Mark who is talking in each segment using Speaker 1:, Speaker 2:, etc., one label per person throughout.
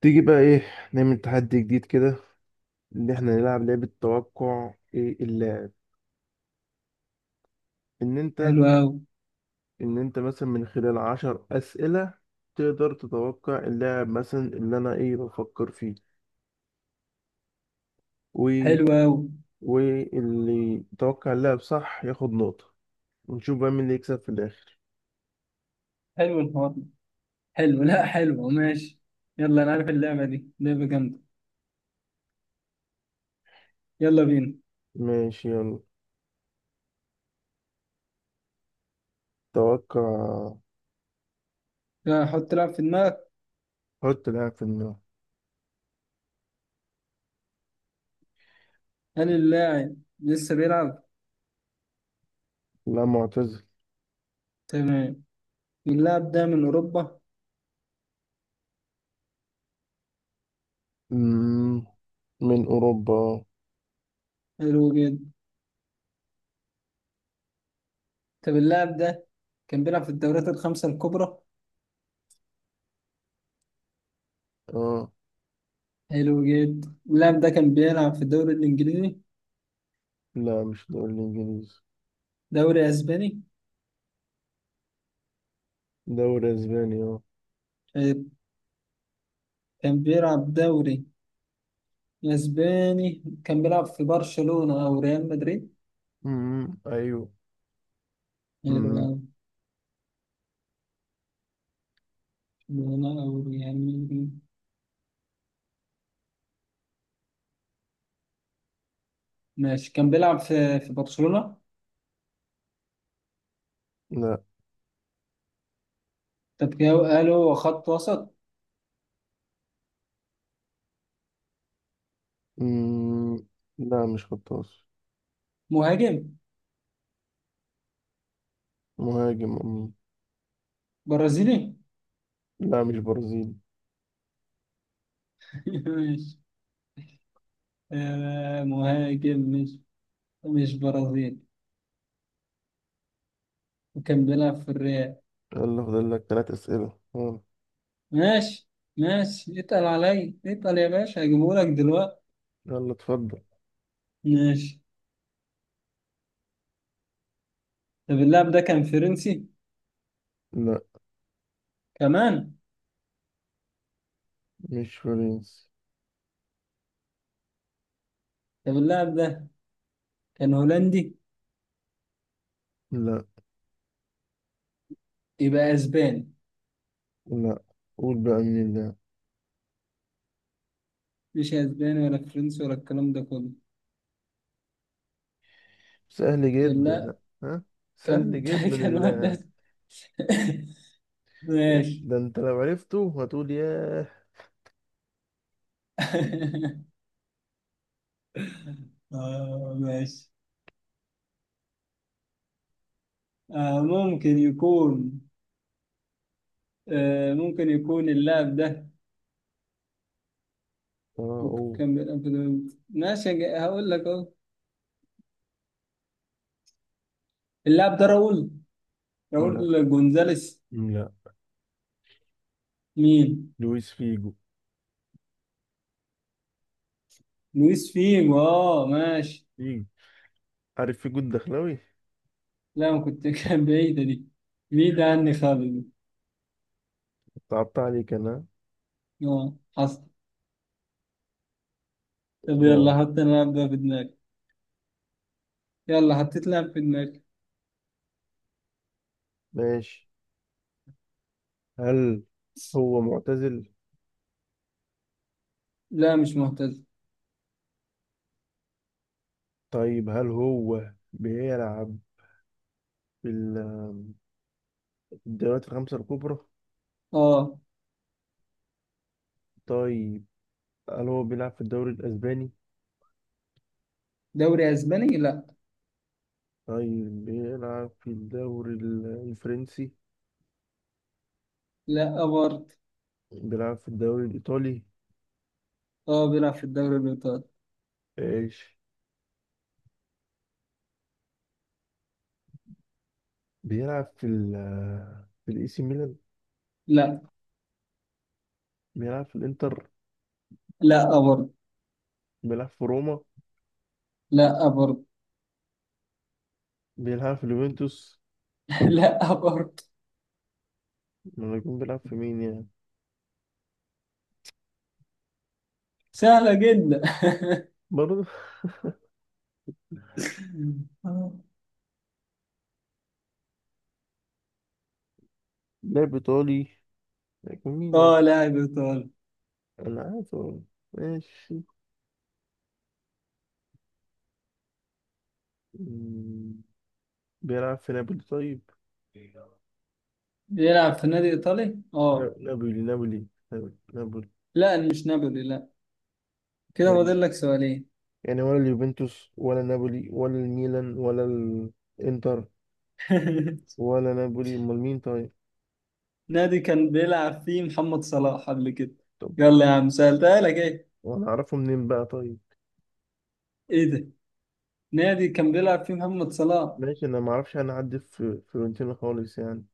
Speaker 1: تيجي بقى ايه، نعمل تحدي جديد كده. ان احنا نلعب لعبة توقع ايه اللاعب. ان انت
Speaker 2: حلو أوي.
Speaker 1: ان انت مثلا من خلال 10 اسئلة تقدر تتوقع اللاعب مثلا اللي انا ايه بفكر فيه. و
Speaker 2: حلو أوي.
Speaker 1: واللي يتوقع اللاعب صح ياخد نقطة ونشوف بقى مين اللي يكسب في الاخر.
Speaker 2: حلو الحوار ده. حلو، لا حلو، ماشي. يلا، أنا عارف اللعبة دي لعبة جامدة. يلا بينا.
Speaker 1: ماشي، يلا، توقع.
Speaker 2: لا، حط لاعب في دماغك.
Speaker 1: حط لاعب في دماغك.
Speaker 2: هل اللاعب لسه بيلعب؟
Speaker 1: لا، معتزل.
Speaker 2: تمام. اللاعب ده من أوروبا؟
Speaker 1: مم، من اوروبا.
Speaker 2: حلو جدا. طب اللاعب ده كان بيلعب في الدوريات الخمسة الكبرى؟
Speaker 1: اه.
Speaker 2: حلو جدا. اللاعب ده كان بيلعب في الدوري الإنجليزي؟
Speaker 1: لا، مش دوري الانجليزي.
Speaker 2: دوري أسباني؟
Speaker 1: دوري اسبانيا.
Speaker 2: طيب، كان بيلعب دوري أسباني. كان بيلعب في برشلونة أو ريال مدريد؟
Speaker 1: ايوه.
Speaker 2: حلو
Speaker 1: امم
Speaker 2: أوي. برشلونة أو ريال مدريد. ماشي، كان بيلعب في برشلونة.
Speaker 1: لا.
Speaker 2: طب كده قالوا خط وسط.
Speaker 1: امم لا، مش خطاف.
Speaker 2: مهاجم.
Speaker 1: مهاجم.
Speaker 2: برازيلي.
Speaker 1: لا، مش برازيلي.
Speaker 2: ماشي. آه، مهاجم، مش برازيلي، وكان بيلعب في الريال.
Speaker 1: يلا، فاضل لك ثلاث اسئله، اه.
Speaker 2: ماشي، ماشي، اتقل عليا، اتقل يا باشا، هجيبهولك دلوقتي.
Speaker 1: يلا اتفضل.
Speaker 2: ماشي. طب اللاعب ده كان فرنسي؟
Speaker 1: لا،
Speaker 2: كمان.
Speaker 1: مش فرنسي.
Speaker 2: طب اللاعب ده كان هولندي؟
Speaker 1: لا.
Speaker 2: يبقى اسباني؟
Speaker 1: لا، قول بقى مين اللاعب.
Speaker 2: مش اسباني ولا فرنسي ولا الكلام ده كله.
Speaker 1: سهل جدا، لا.
Speaker 2: لا.
Speaker 1: ها، سهل
Speaker 2: كان
Speaker 1: جدا
Speaker 2: كان واحد
Speaker 1: اللاعب.
Speaker 2: أس- ماشي.
Speaker 1: ده انت لو عرفته هتقول ياه.
Speaker 2: آه، ماشي. آه ممكن يكون آه، ممكن يكون اللاعب ده.
Speaker 1: اه. أوه.
Speaker 2: ماشي. هقول لك اهو. اللاعب ده راؤول.
Speaker 1: لا.
Speaker 2: راؤول جونزاليس.
Speaker 1: لا،
Speaker 2: مين؟
Speaker 1: لويس فيجو.
Speaker 2: لويس فيجو، اه، ماشي.
Speaker 1: فيجو. عارف فيجو الدخلاوي.
Speaker 2: لا، ما كنت كان بعيدة دي. بعيدة عني خالص دي.
Speaker 1: صعبت عليك انا.
Speaker 2: اه، حصل. طب
Speaker 1: يا،
Speaker 2: يلا، حط انا لاعب ده في دماغي. يلا، حطيت لاعب في دماغي.
Speaker 1: ماشي. هل هو معتزل؟
Speaker 2: لا، مش مهتز.
Speaker 1: طيب، هل هو بيلعب في في الدوريات الخمسة الكبرى؟
Speaker 2: اه.
Speaker 1: طيب، هل هو بيلعب في الدوري الأسباني؟
Speaker 2: دوري اسباني، لا.
Speaker 1: طيب، بيلعب في الدوري الفرنسي؟
Speaker 2: لا برضه.
Speaker 1: بيلعب في الدوري الإيطالي؟
Speaker 2: اه، بيلعب في الدوري الايطالي.
Speaker 1: إيش، بيلعب في في الإي سي ميلان؟
Speaker 2: لا.
Speaker 1: بيلعب في الإنتر؟
Speaker 2: لا برضه.
Speaker 1: بيلعب في روما؟
Speaker 2: لا برضه.
Speaker 1: بيلعب في اليوفنتوس؟
Speaker 2: لا برضه.
Speaker 1: ما يكون بيلعب في مين يعني؟
Speaker 2: سهلة جدا.
Speaker 1: برضه. لاعب إيطالي، يكون مين
Speaker 2: اه،
Speaker 1: يعني؟
Speaker 2: لاعب ايطالي.
Speaker 1: أنا عارف هو. ماشي، بيلعب في نابولي طيب.
Speaker 2: بيلعب في نادي ايطالي، اه.
Speaker 1: نابولي نابولي نابولي نابولي.
Speaker 2: لا، مش نابولي، لا. كده
Speaker 1: يعني،
Speaker 2: فاضل لك سؤالين.
Speaker 1: يعني ولا اليوفنتوس ولا نابولي ولا الميلان ولا الانتر ولا نابولي، امال مين طيب؟
Speaker 2: نادي كان بيلعب فيه محمد صلاح قبل كده.
Speaker 1: طب،
Speaker 2: يلا يا عم، سألتها لك ايه.
Speaker 1: وانا اعرفه منين بقى طيب؟
Speaker 2: ايه ده، نادي كان بيلعب فيه محمد صلاح.
Speaker 1: ماشي، انا ما اعرفش، انا اعدي في فيورنتينا خالص يعني.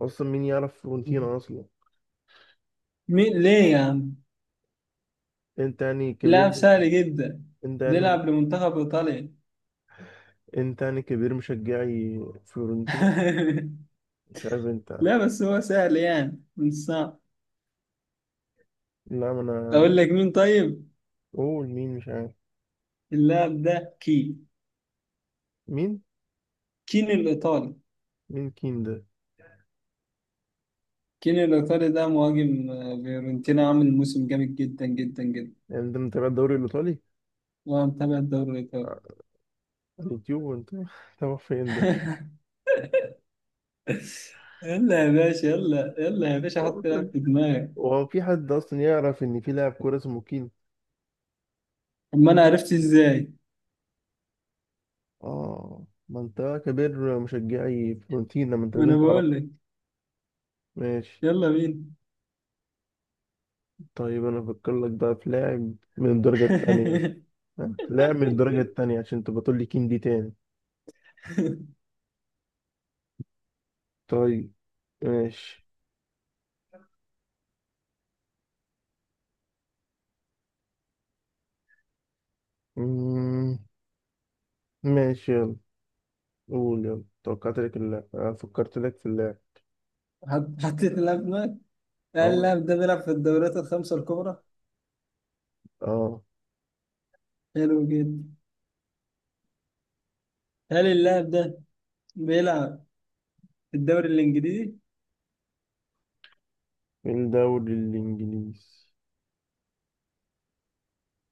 Speaker 1: اصلا مين يعرف فيورنتينا اصلا؟
Speaker 2: مين ليه يا عم.
Speaker 1: انت يعني كبير
Speaker 2: لاعب
Speaker 1: مش...
Speaker 2: سهل جدا،
Speaker 1: انت يعني،
Speaker 2: بيلعب لمنتخب ايطاليا.
Speaker 1: انت يعني كبير مشجعي فيورنتينا. مش عارف انت.
Speaker 2: لا، بس هو سهل يعني، مش صعب.
Speaker 1: لا، ما انا.
Speaker 2: اقول لك مين طيب؟
Speaker 1: قول مين، مش عارف.
Speaker 2: اللاعب ده
Speaker 1: مين
Speaker 2: كين الايطالي.
Speaker 1: مين كين ده؟
Speaker 2: كين الايطالي ده مهاجم، آه، فيورنتينا عامل موسم جامد جدا جدا جدا.
Speaker 1: يعني ده متابع الدوري الإيطالي
Speaker 2: وانا متابع الدوري الايطالي.
Speaker 1: على اليوتيوب، وأنت تابع فين ده؟
Speaker 2: يلا يا باشا، يلا يلا يا باشا، حط لاعب
Speaker 1: أصلا،
Speaker 2: في دماغك.
Speaker 1: هو في حد أصلا يعرف إن في لاعب كورة اسمه كين؟
Speaker 2: طب ما انا عرفت ازاي؟
Speaker 1: آه، ما أنت كبير مشجعي فلورنتينا، ما أنت
Speaker 2: ما
Speaker 1: لازم
Speaker 2: انا
Speaker 1: تعرف.
Speaker 2: بقول لك.
Speaker 1: ماشي.
Speaker 2: يلا بينا.
Speaker 1: طيب، أنا أفكر لك بقى في لاعب من الدرجة التانية. في لاعب من الدرجة التانية عشان تبقى تقول لي كين دي تاني. طيب. ماشي. مم. ماشي يلا. قول يلا، توقعت لك اللاعب، آه، فكرت لك في اللاعب.
Speaker 2: حطيت اللاعب في دماغك. هل
Speaker 1: آه.
Speaker 2: اللاعب ده بيلعب في الدوريات الخمسة الكبرى؟
Speaker 1: آه.
Speaker 2: حلو جدا. هل اللاعب ده بيلعب في الدوري الانجليزي؟
Speaker 1: الدوري الإنجليزي.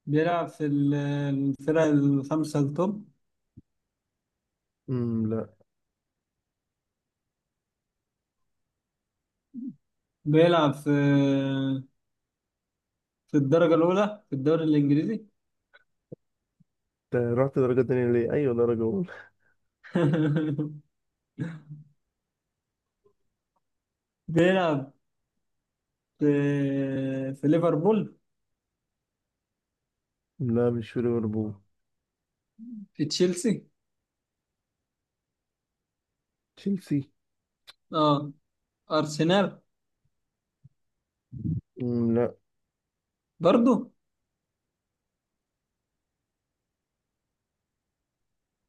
Speaker 2: بيلعب في الفرق الخمسة التوب؟
Speaker 1: لا.
Speaker 2: بيلعب في الدرجة الأولى في الدوري الإنجليزي.
Speaker 1: انت رحت درجة تانية ليه؟ أيوة درجة أولى.
Speaker 2: بيلعب في في ليفربول؟
Speaker 1: لا، مش في ليفربول.
Speaker 2: في تشيلسي؟
Speaker 1: تشيلسي.
Speaker 2: اه. أرسنال؟
Speaker 1: لا.
Speaker 2: برضو.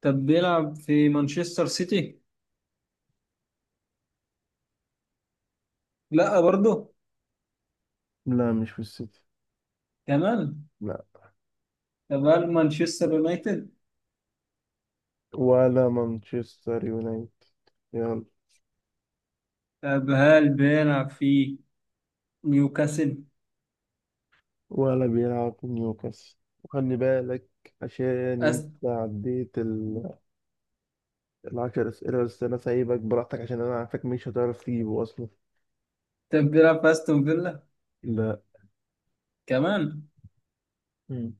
Speaker 2: طب بيلعب في مانشستر سيتي؟ لا برضو.
Speaker 1: لا، مش في السيتي.
Speaker 2: كمان.
Speaker 1: لا،
Speaker 2: طب هل مانشستر يونايتد؟
Speaker 1: ولا مانشستر يونايتد، يلا.
Speaker 2: طب هل بيلعب في نيوكاسل؟
Speaker 1: ولا بيلعب في نيوكاسل. وخلي بالك، عشان انت
Speaker 2: أست...
Speaker 1: عديت ال... ال10 اسئله، بس انا سايبك براحتك عشان انا عارفك مش هتعرف تجيبه اصلا.
Speaker 2: طب بيلعب في أستون فيلا؟
Speaker 1: لا.
Speaker 2: كمان.
Speaker 1: مم.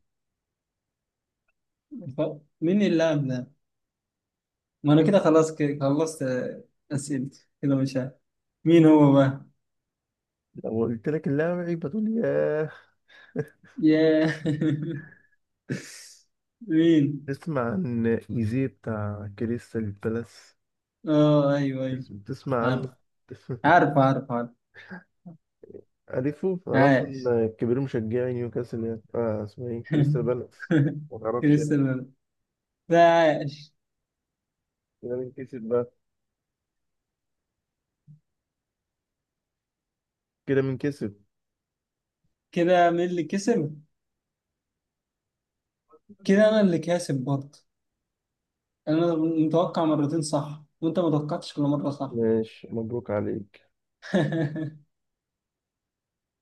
Speaker 2: مين اللاعب ده؟ ما انا كده خلاص، كده خلصت، آه، اسئلتي كده، مش عارف مين هو بقى.
Speaker 1: لو قلت لك اللاعب، هتقول ياه.
Speaker 2: ياه. مين؟
Speaker 1: تسمع عن ايزي بتاع كريستال بالاس.
Speaker 2: اه، ايوه، ايوه.
Speaker 1: تسمع
Speaker 2: عارف.
Speaker 1: عنه.
Speaker 2: عارف، عارف، عارف.
Speaker 1: عارفه انا
Speaker 2: عاش.
Speaker 1: اصلا كبير مشجعي نيوكاسل يعني، آه اسمه ايه، كريستال بالاس. ما تعرفش يعني.
Speaker 2: كريستيانو ده. عاش.
Speaker 1: كده مين كسب بقى؟ كده مين كسب؟
Speaker 2: كده مين اللي كسب؟ كده انا اللي كاسب برضه. انا متوقع مرتين صح، وانت ما توقعتش كل مره صح.
Speaker 1: ماشي، مبروك عليك.